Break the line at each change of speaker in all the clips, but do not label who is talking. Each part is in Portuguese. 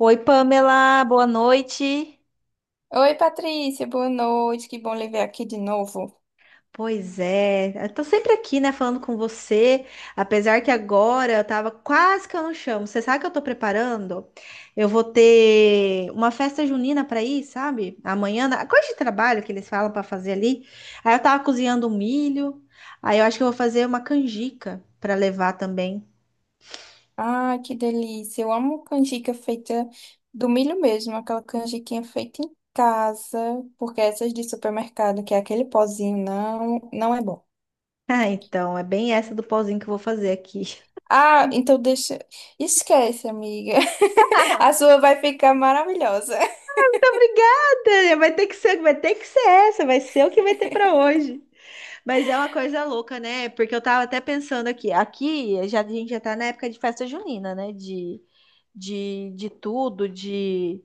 Oi, Pamela, boa noite.
Oi, Patrícia, boa noite. Que bom lhe ver aqui de novo.
Pois é, eu tô sempre aqui, né, falando com você, apesar que agora eu tava quase que eu não chamo. Você sabe o que eu tô preparando? Eu vou ter uma festa junina pra ir, sabe? Amanhã, a coisa de trabalho que eles falam pra fazer ali. Aí eu tava cozinhando um milho, aí eu acho que eu vou fazer uma canjica pra levar também.
Ai, que delícia. Eu amo canjica feita do milho mesmo, aquela canjiquinha feita em casa, porque essas de supermercado, que é aquele pozinho, não é bom.
Ah, então, é bem essa do pauzinho que eu vou fazer aqui.
Ah, então deixa. Esquece, amiga. A sua vai ficar maravilhosa.
Muito obrigada! Vai ter que ser essa, vai ser o que vai ter pra hoje. Mas é uma coisa louca, né? Porque eu tava até pensando aqui. Aqui já, a gente já tá na época de festa junina, né? De tudo, de,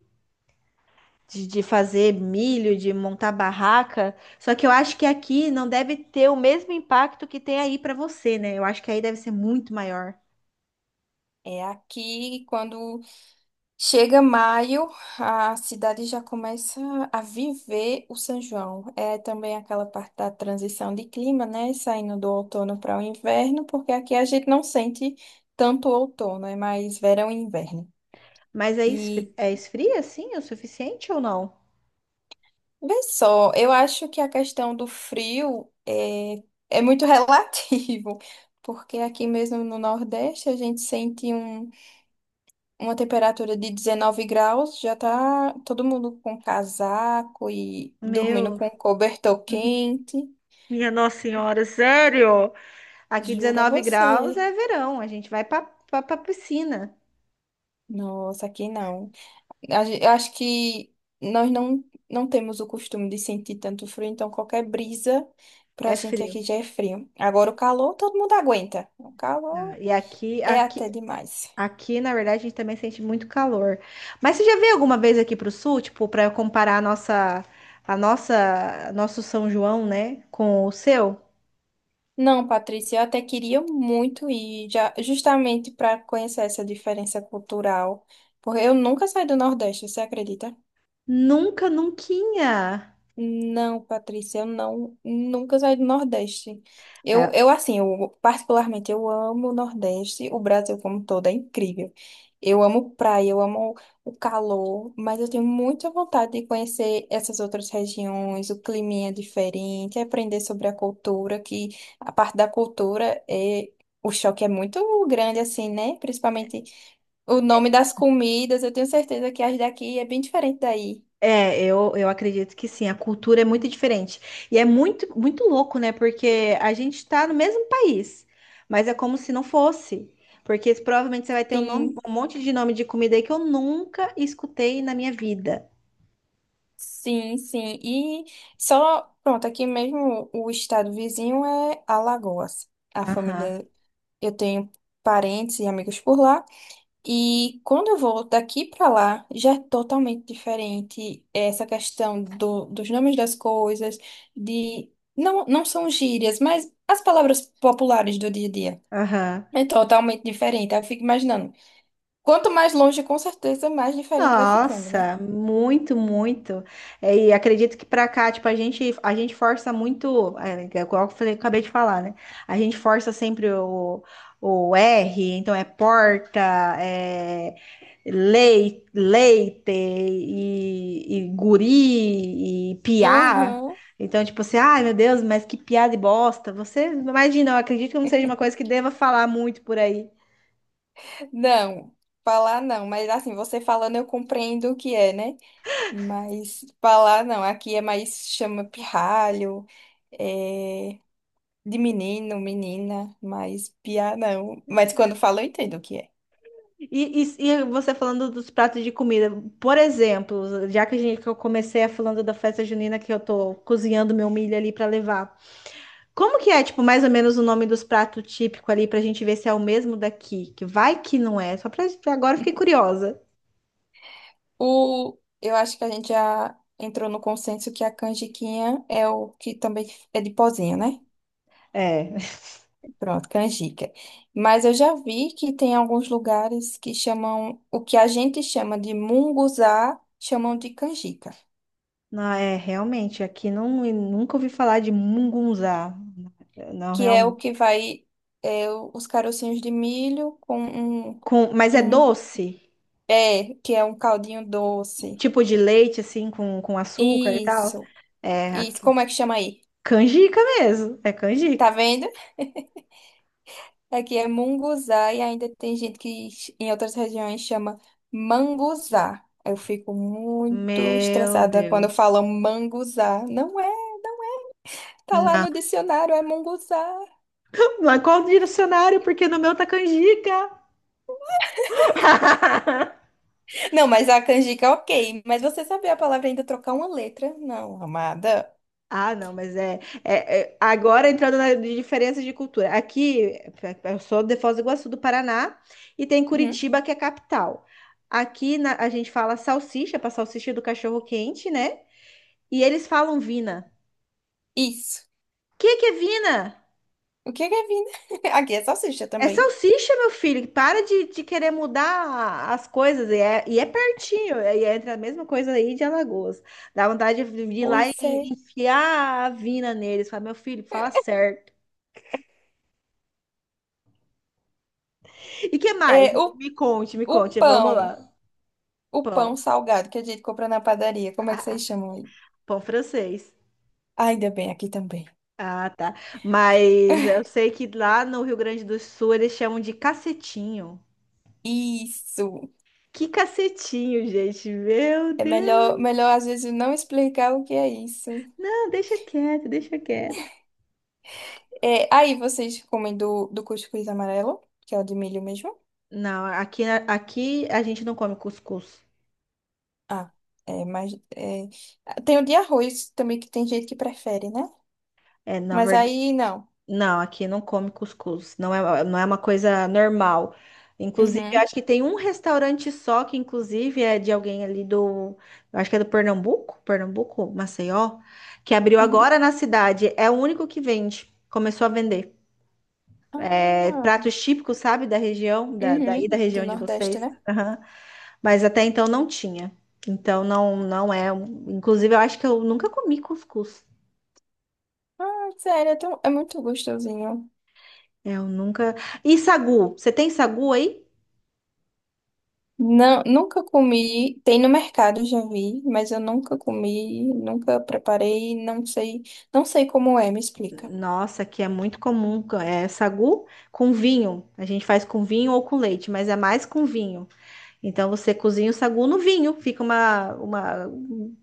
de, de fazer milho, de montar barraca. Só que eu acho que aqui não deve ter o mesmo impacto que tem aí pra você, né? Eu acho que aí deve ser muito maior.
É aqui, quando Chega maio, a cidade já começa a viver o São João. É também aquela parte da transição de clima, né? Saindo do outono para o inverno, porque aqui a gente não sente tanto outono, é mais verão e inverno.
Mas é,
E
esfria, assim, o suficiente ou não?
vê só, eu acho que a questão do frio é, é muito relativo, porque aqui mesmo no Nordeste a gente sente um Uma temperatura de 19 graus, já tá todo mundo com casaco e dormindo
Meu,
com cobertor
uhum.
quente.
Minha Nossa Senhora, sério? Aqui
Jura
19 graus
você.
é verão, a gente vai pra piscina.
Nossa, aqui não. Eu acho que nós não, não temos o costume de sentir tanto frio, então qualquer brisa pra
É
gente
frio.
aqui já é frio. Agora o calor, todo mundo aguenta. O
Ah,
calor
e aqui,
é até demais.
na verdade, a gente também sente muito calor. Mas você já veio alguma vez aqui para o sul, tipo, para eu comparar a nossa, nosso São João, né, com o seu?
Não, Patrícia, eu até queria muito ir, já, justamente para conhecer essa diferença cultural, porque eu nunca saí do Nordeste, você acredita?
Nunca, nunca.
Não, Patrícia, eu não, nunca saí do Nordeste. Eu,
É,
eu assim, eu particularmente eu amo o Nordeste, o Brasil como todo é incrível. Eu amo praia, eu amo o calor, mas eu tenho muita vontade de conhecer essas outras regiões, o clima é diferente, aprender sobre a cultura, que a parte da cultura, o choque é muito grande assim, né? Principalmente o nome das comidas, eu tenho certeza que as daqui é bem diferente daí.
eu acredito que sim, a cultura é muito diferente. E é muito, muito louco, né? Porque a gente está no mesmo país, mas é como se não fosse. Porque provavelmente você vai ter
Sim.
um monte de nome de comida aí que eu nunca escutei na minha vida.
Sim, sim. E só, pronto, aqui mesmo o estado vizinho é Alagoas. A
Aham.
família, eu tenho parentes e amigos por lá. E quando eu vou daqui para lá, já é totalmente diferente essa questão dos nomes das coisas, de não, não são gírias, mas as palavras populares do dia a dia.
Aham.
É totalmente diferente. Aí eu fico imaginando. Quanto mais longe, com certeza, mais diferente vai ficando, né?
Nossa, muito, muito. É, e acredito que pra cá, tipo, a gente força muito, é, é igual eu falei, acabei de falar, né? A gente força sempre o R, então é porta, é leite e guri e piá.
Aham.
Então, tipo assim, ai meu Deus, mas que piada e bosta. Você imagina, eu acredito que não seja uma coisa que deva falar muito por aí.
Não, falar não, mas assim, você falando eu compreendo o que é, né? Mas falar não, aqui é mais chama pirralho, é de menino, menina, mas piá não. Mas quando fala eu entendo o que é.
E você falando dos pratos de comida, por exemplo, já que eu comecei a falando da festa junina que eu tô cozinhando meu milho ali para levar. Como que é, tipo, mais ou menos o nome dos pratos típicos ali pra gente ver se é o mesmo daqui? Que vai que não é, só pra agora eu fiquei curiosa.
O, eu acho que a gente já entrou no consenso que a canjiquinha é o que também é de pozinho, né?
É,
Pronto, canjica. Mas eu já vi que tem alguns lugares que chamam, o que a gente chama de munguzá, chamam de canjica.
não é realmente, aqui não eu nunca ouvi falar de mungunzá. Não,
Que é o
realmente.
que vai é, os carocinhos de milho com um,
Com, mas é
um
doce?
é, que é um caldinho doce.
Tipo de leite assim com açúcar e tal?
Isso.
É,
Isso,
aqui.
como é que chama aí?
Canjica mesmo, é
Tá
canjica.
vendo? Aqui é munguzá e ainda tem gente que em outras regiões chama manguzá. Eu fico muito
Meu
estressada quando
Deus.
falam manguzá. Não é, tá lá
Não.
no dicionário, é munguzá.
Mas qual direcionário? Porque no meu tá canjica.
Não, mas a canjica, ok. Mas você sabia a palavra e ainda trocar uma letra? Não, amada.
Ah, não, mas é, agora entrando na de diferença de cultura. Aqui, é, eu sou de Foz do Iguaçu, do Paraná, e tem
Uhum.
Curitiba, que é a capital. A gente fala salsicha, para salsicha do cachorro quente, né? E eles falam vina.
Isso.
O que que é vina?
O que é vida? Aqui é salsicha
É
também.
salsicha, meu filho. Para de querer mudar as coisas. E é pertinho. E é entre a mesma coisa aí de Alagoas. Dá vontade de ir lá
Pois
e
é.
enfiar a vina neles. Fala, meu filho, fala certo. E que mais?
É o,
Me conte, me
o
conte. Vamos
pão.
lá.
O
Pão.
pão salgado que a gente compra na padaria. Como é que vocês chamam aí?
Pão francês.
Ah, ainda bem, aqui também.
Ah, tá. Mas eu sei que lá no Rio Grande do Sul eles chamam de cacetinho.
Isso.
Que cacetinho, gente. Meu
É melhor,
Deus.
melhor às vezes não explicar o que é isso.
Não, deixa quieto, deixa quieto.
É, aí vocês comem do cuscuz amarelo, que é o de milho mesmo.
Não, aqui, aqui a gente não come cuscuz.
Ah, é, tem o de arroz também que tem gente que prefere, né?
É, na
Mas
verdade.
aí não.
Não, aqui não come cuscuz. Não é, não é uma coisa normal. Inclusive, eu
Uhum,
acho que tem um restaurante só que, inclusive, é de alguém ali do. Eu acho que é do Pernambuco, Pernambuco, Maceió, que abriu
uhum.
agora na cidade. É o único que vende. Começou a vender. É,
Ah,
pratos típicos, sabe, da região, daí da
uhum. Do
região de
Nordeste,
vocês.
né?
Aham. Mas até então não tinha. Então não, não é. Inclusive, eu acho que eu nunca comi cuscuz.
Ah, sério, é, é muito gostosinho.
É, eu nunca. E sagu? Você tem sagu aí?
Não, nunca comi, tem no mercado, já vi, mas eu nunca comi, nunca preparei, não sei, não sei como é, me explica.
Nossa, que é muito comum. É sagu com vinho. A gente faz com vinho ou com leite, mas é mais com vinho. Então você cozinha o sagu no vinho, fica uma,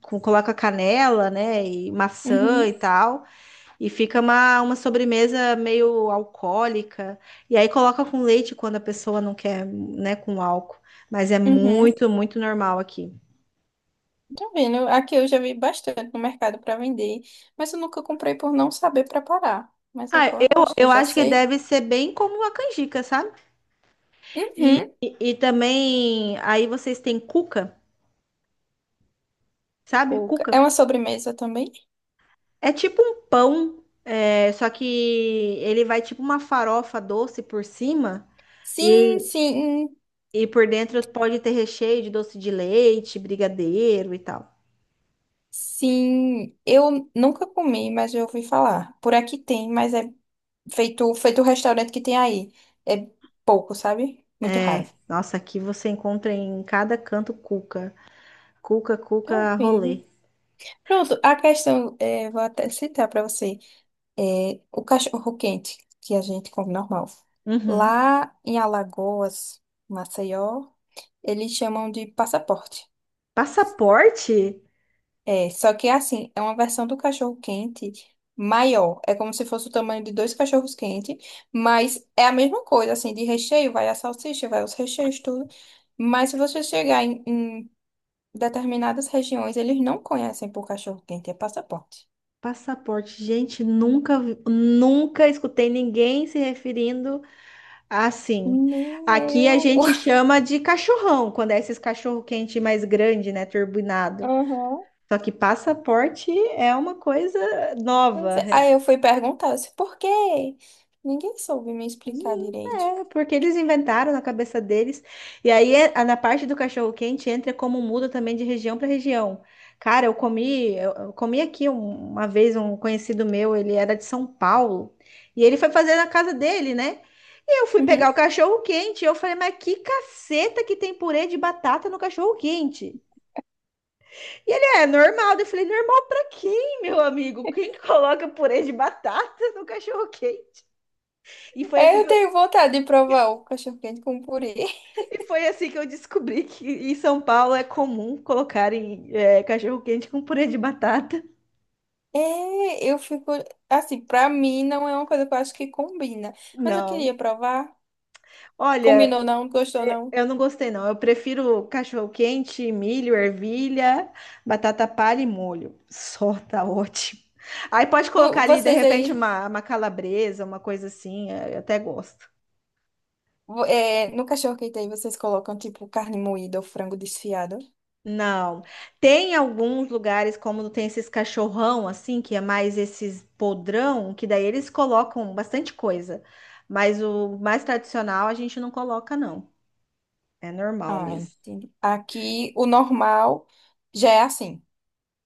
coloca canela, né, e maçã e
Uhum,
tal, e fica uma sobremesa meio alcoólica. E aí coloca com leite quando a pessoa não quer, né, com álcool. Mas é
uhum.
muito, muito normal aqui.
Tá vendo? Aqui eu já vi bastante no mercado para vender, mas eu nunca comprei por não saber preparar. Mas
Ah,
agora eu
eu,
acho que eu
eu
já
acho que
sei.
deve ser bem como a canjica, sabe? E,
Uhum.
e, também, aí vocês têm cuca, sabe?
Cuca.
Cuca.
É uma sobremesa também?
É tipo um pão, é, só que ele vai tipo uma farofa doce por cima
Sim,
e,
sim,
e por dentro pode ter recheio de doce de leite, brigadeiro e tal.
sim. Eu nunca comi, mas eu ouvi falar. Por aqui tem, mas é feito o restaurante que tem aí. É pouco, sabe? Muito
É,
raro.
nossa, aqui você encontra em cada canto cuca. Cuca,
Tá
cuca,
ouvindo?
rolê.
Pronto, a questão, é, vou até citar para você, é, o cachorro quente, que a gente come normal.
Uhum.
Lá em Alagoas, Maceió, eles chamam de passaporte.
Passaporte?
É, só que é assim, é uma versão do cachorro quente maior. É como se fosse o tamanho de dois cachorros quentes, mas é a mesma coisa, assim, de recheio, vai a salsicha, vai os recheios, tudo. Mas se você chegar em Determinadas regiões eles não conhecem por cachorro-quente, é passaporte.
Passaporte, gente, nunca, nunca escutei ninguém se referindo. Ah, sim.
Nem
Aqui a
eu.
gente chama de cachorrão, quando é esses cachorro quente mais grande, né, turbinado.
Aham.
Só que passaporte é uma coisa
Pois
nova.
é. Aí eu fui perguntar, eu disse, por quê? Ninguém soube me explicar
Sim,
direito.
é, porque eles inventaram na cabeça deles. E aí, na parte do cachorro-quente, entra como muda também de região para região. Cara, eu comi, eu comi aqui uma vez um conhecido meu, ele era de São Paulo, e ele foi fazer na casa dele, né? E eu fui pegar
Uhum.
o cachorro-quente, e eu falei, mas que caceta que tem purê de batata no cachorro-quente? E ele, é normal. Daí eu falei, normal pra quem, meu amigo? Quem coloca purê de batata no cachorro-quente? E foi
Aí
assim
eu tenho vontade de provar o cachorro-quente com purê.
E foi assim que eu descobri que em São Paulo é comum colocarem é, cachorro-quente com purê de batata.
É, eu fico. Assim, pra mim não é uma coisa que eu acho que combina. Mas eu
Não.
queria provar.
Olha,
Combinou não? Gostou não?
eu não gostei, não. Eu prefiro cachorro-quente, milho, ervilha, batata palha e molho. Só tá ótimo. Aí pode colocar ali, de
Vocês
repente,
aí,
uma calabresa, uma coisa assim. É, eu até gosto.
é, no cachorro-quente aí, vocês colocam tipo carne moída ou frango desfiado?
Não. Tem alguns lugares, como tem esses cachorrão, assim, que é mais esses podrão, que daí eles colocam bastante coisa. Mas o mais tradicional a gente não coloca, não. É normal
Ah,
mesmo.
entendi. Aqui o normal já é assim,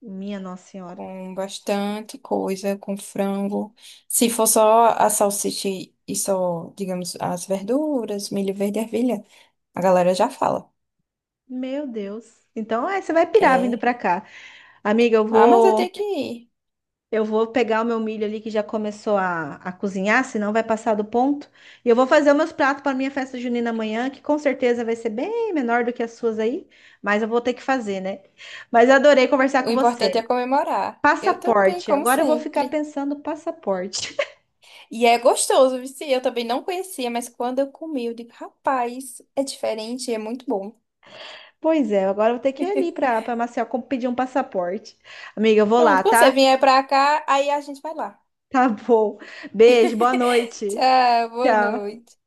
Minha Nossa Senhora.
com bastante coisa, com frango. Se for só a salsicha e só, digamos, as verduras, milho verde e ervilha, a galera já fala.
Meu Deus. Então, é, você vai pirar vindo
É.
pra cá. Amiga, eu
Ah, mas eu
vou.
tenho que ir.
Eu vou pegar o meu milho ali que já começou a cozinhar, senão vai passar do ponto. E eu vou fazer os meus pratos para minha festa junina amanhã, que com certeza vai ser bem menor do que as suas aí, mas eu vou ter que fazer, né? Mas eu adorei conversar
O
com você.
importante é comemorar. Eu também,
Passaporte.
como
Agora eu vou ficar
sempre.
pensando passaporte.
E é gostoso, viu? Sim, eu também não conhecia, mas quando eu comi, eu digo, rapaz, é diferente, e é muito bom.
Pois é, agora eu vou ter que ir ali para Maceió pedir um passaporte. Amiga, eu vou lá,
Pronto, quando você
tá?
vier pra cá, aí a gente vai lá.
Tá bom. Beijo, boa noite.
Tchau, boa
Tchau.
noite.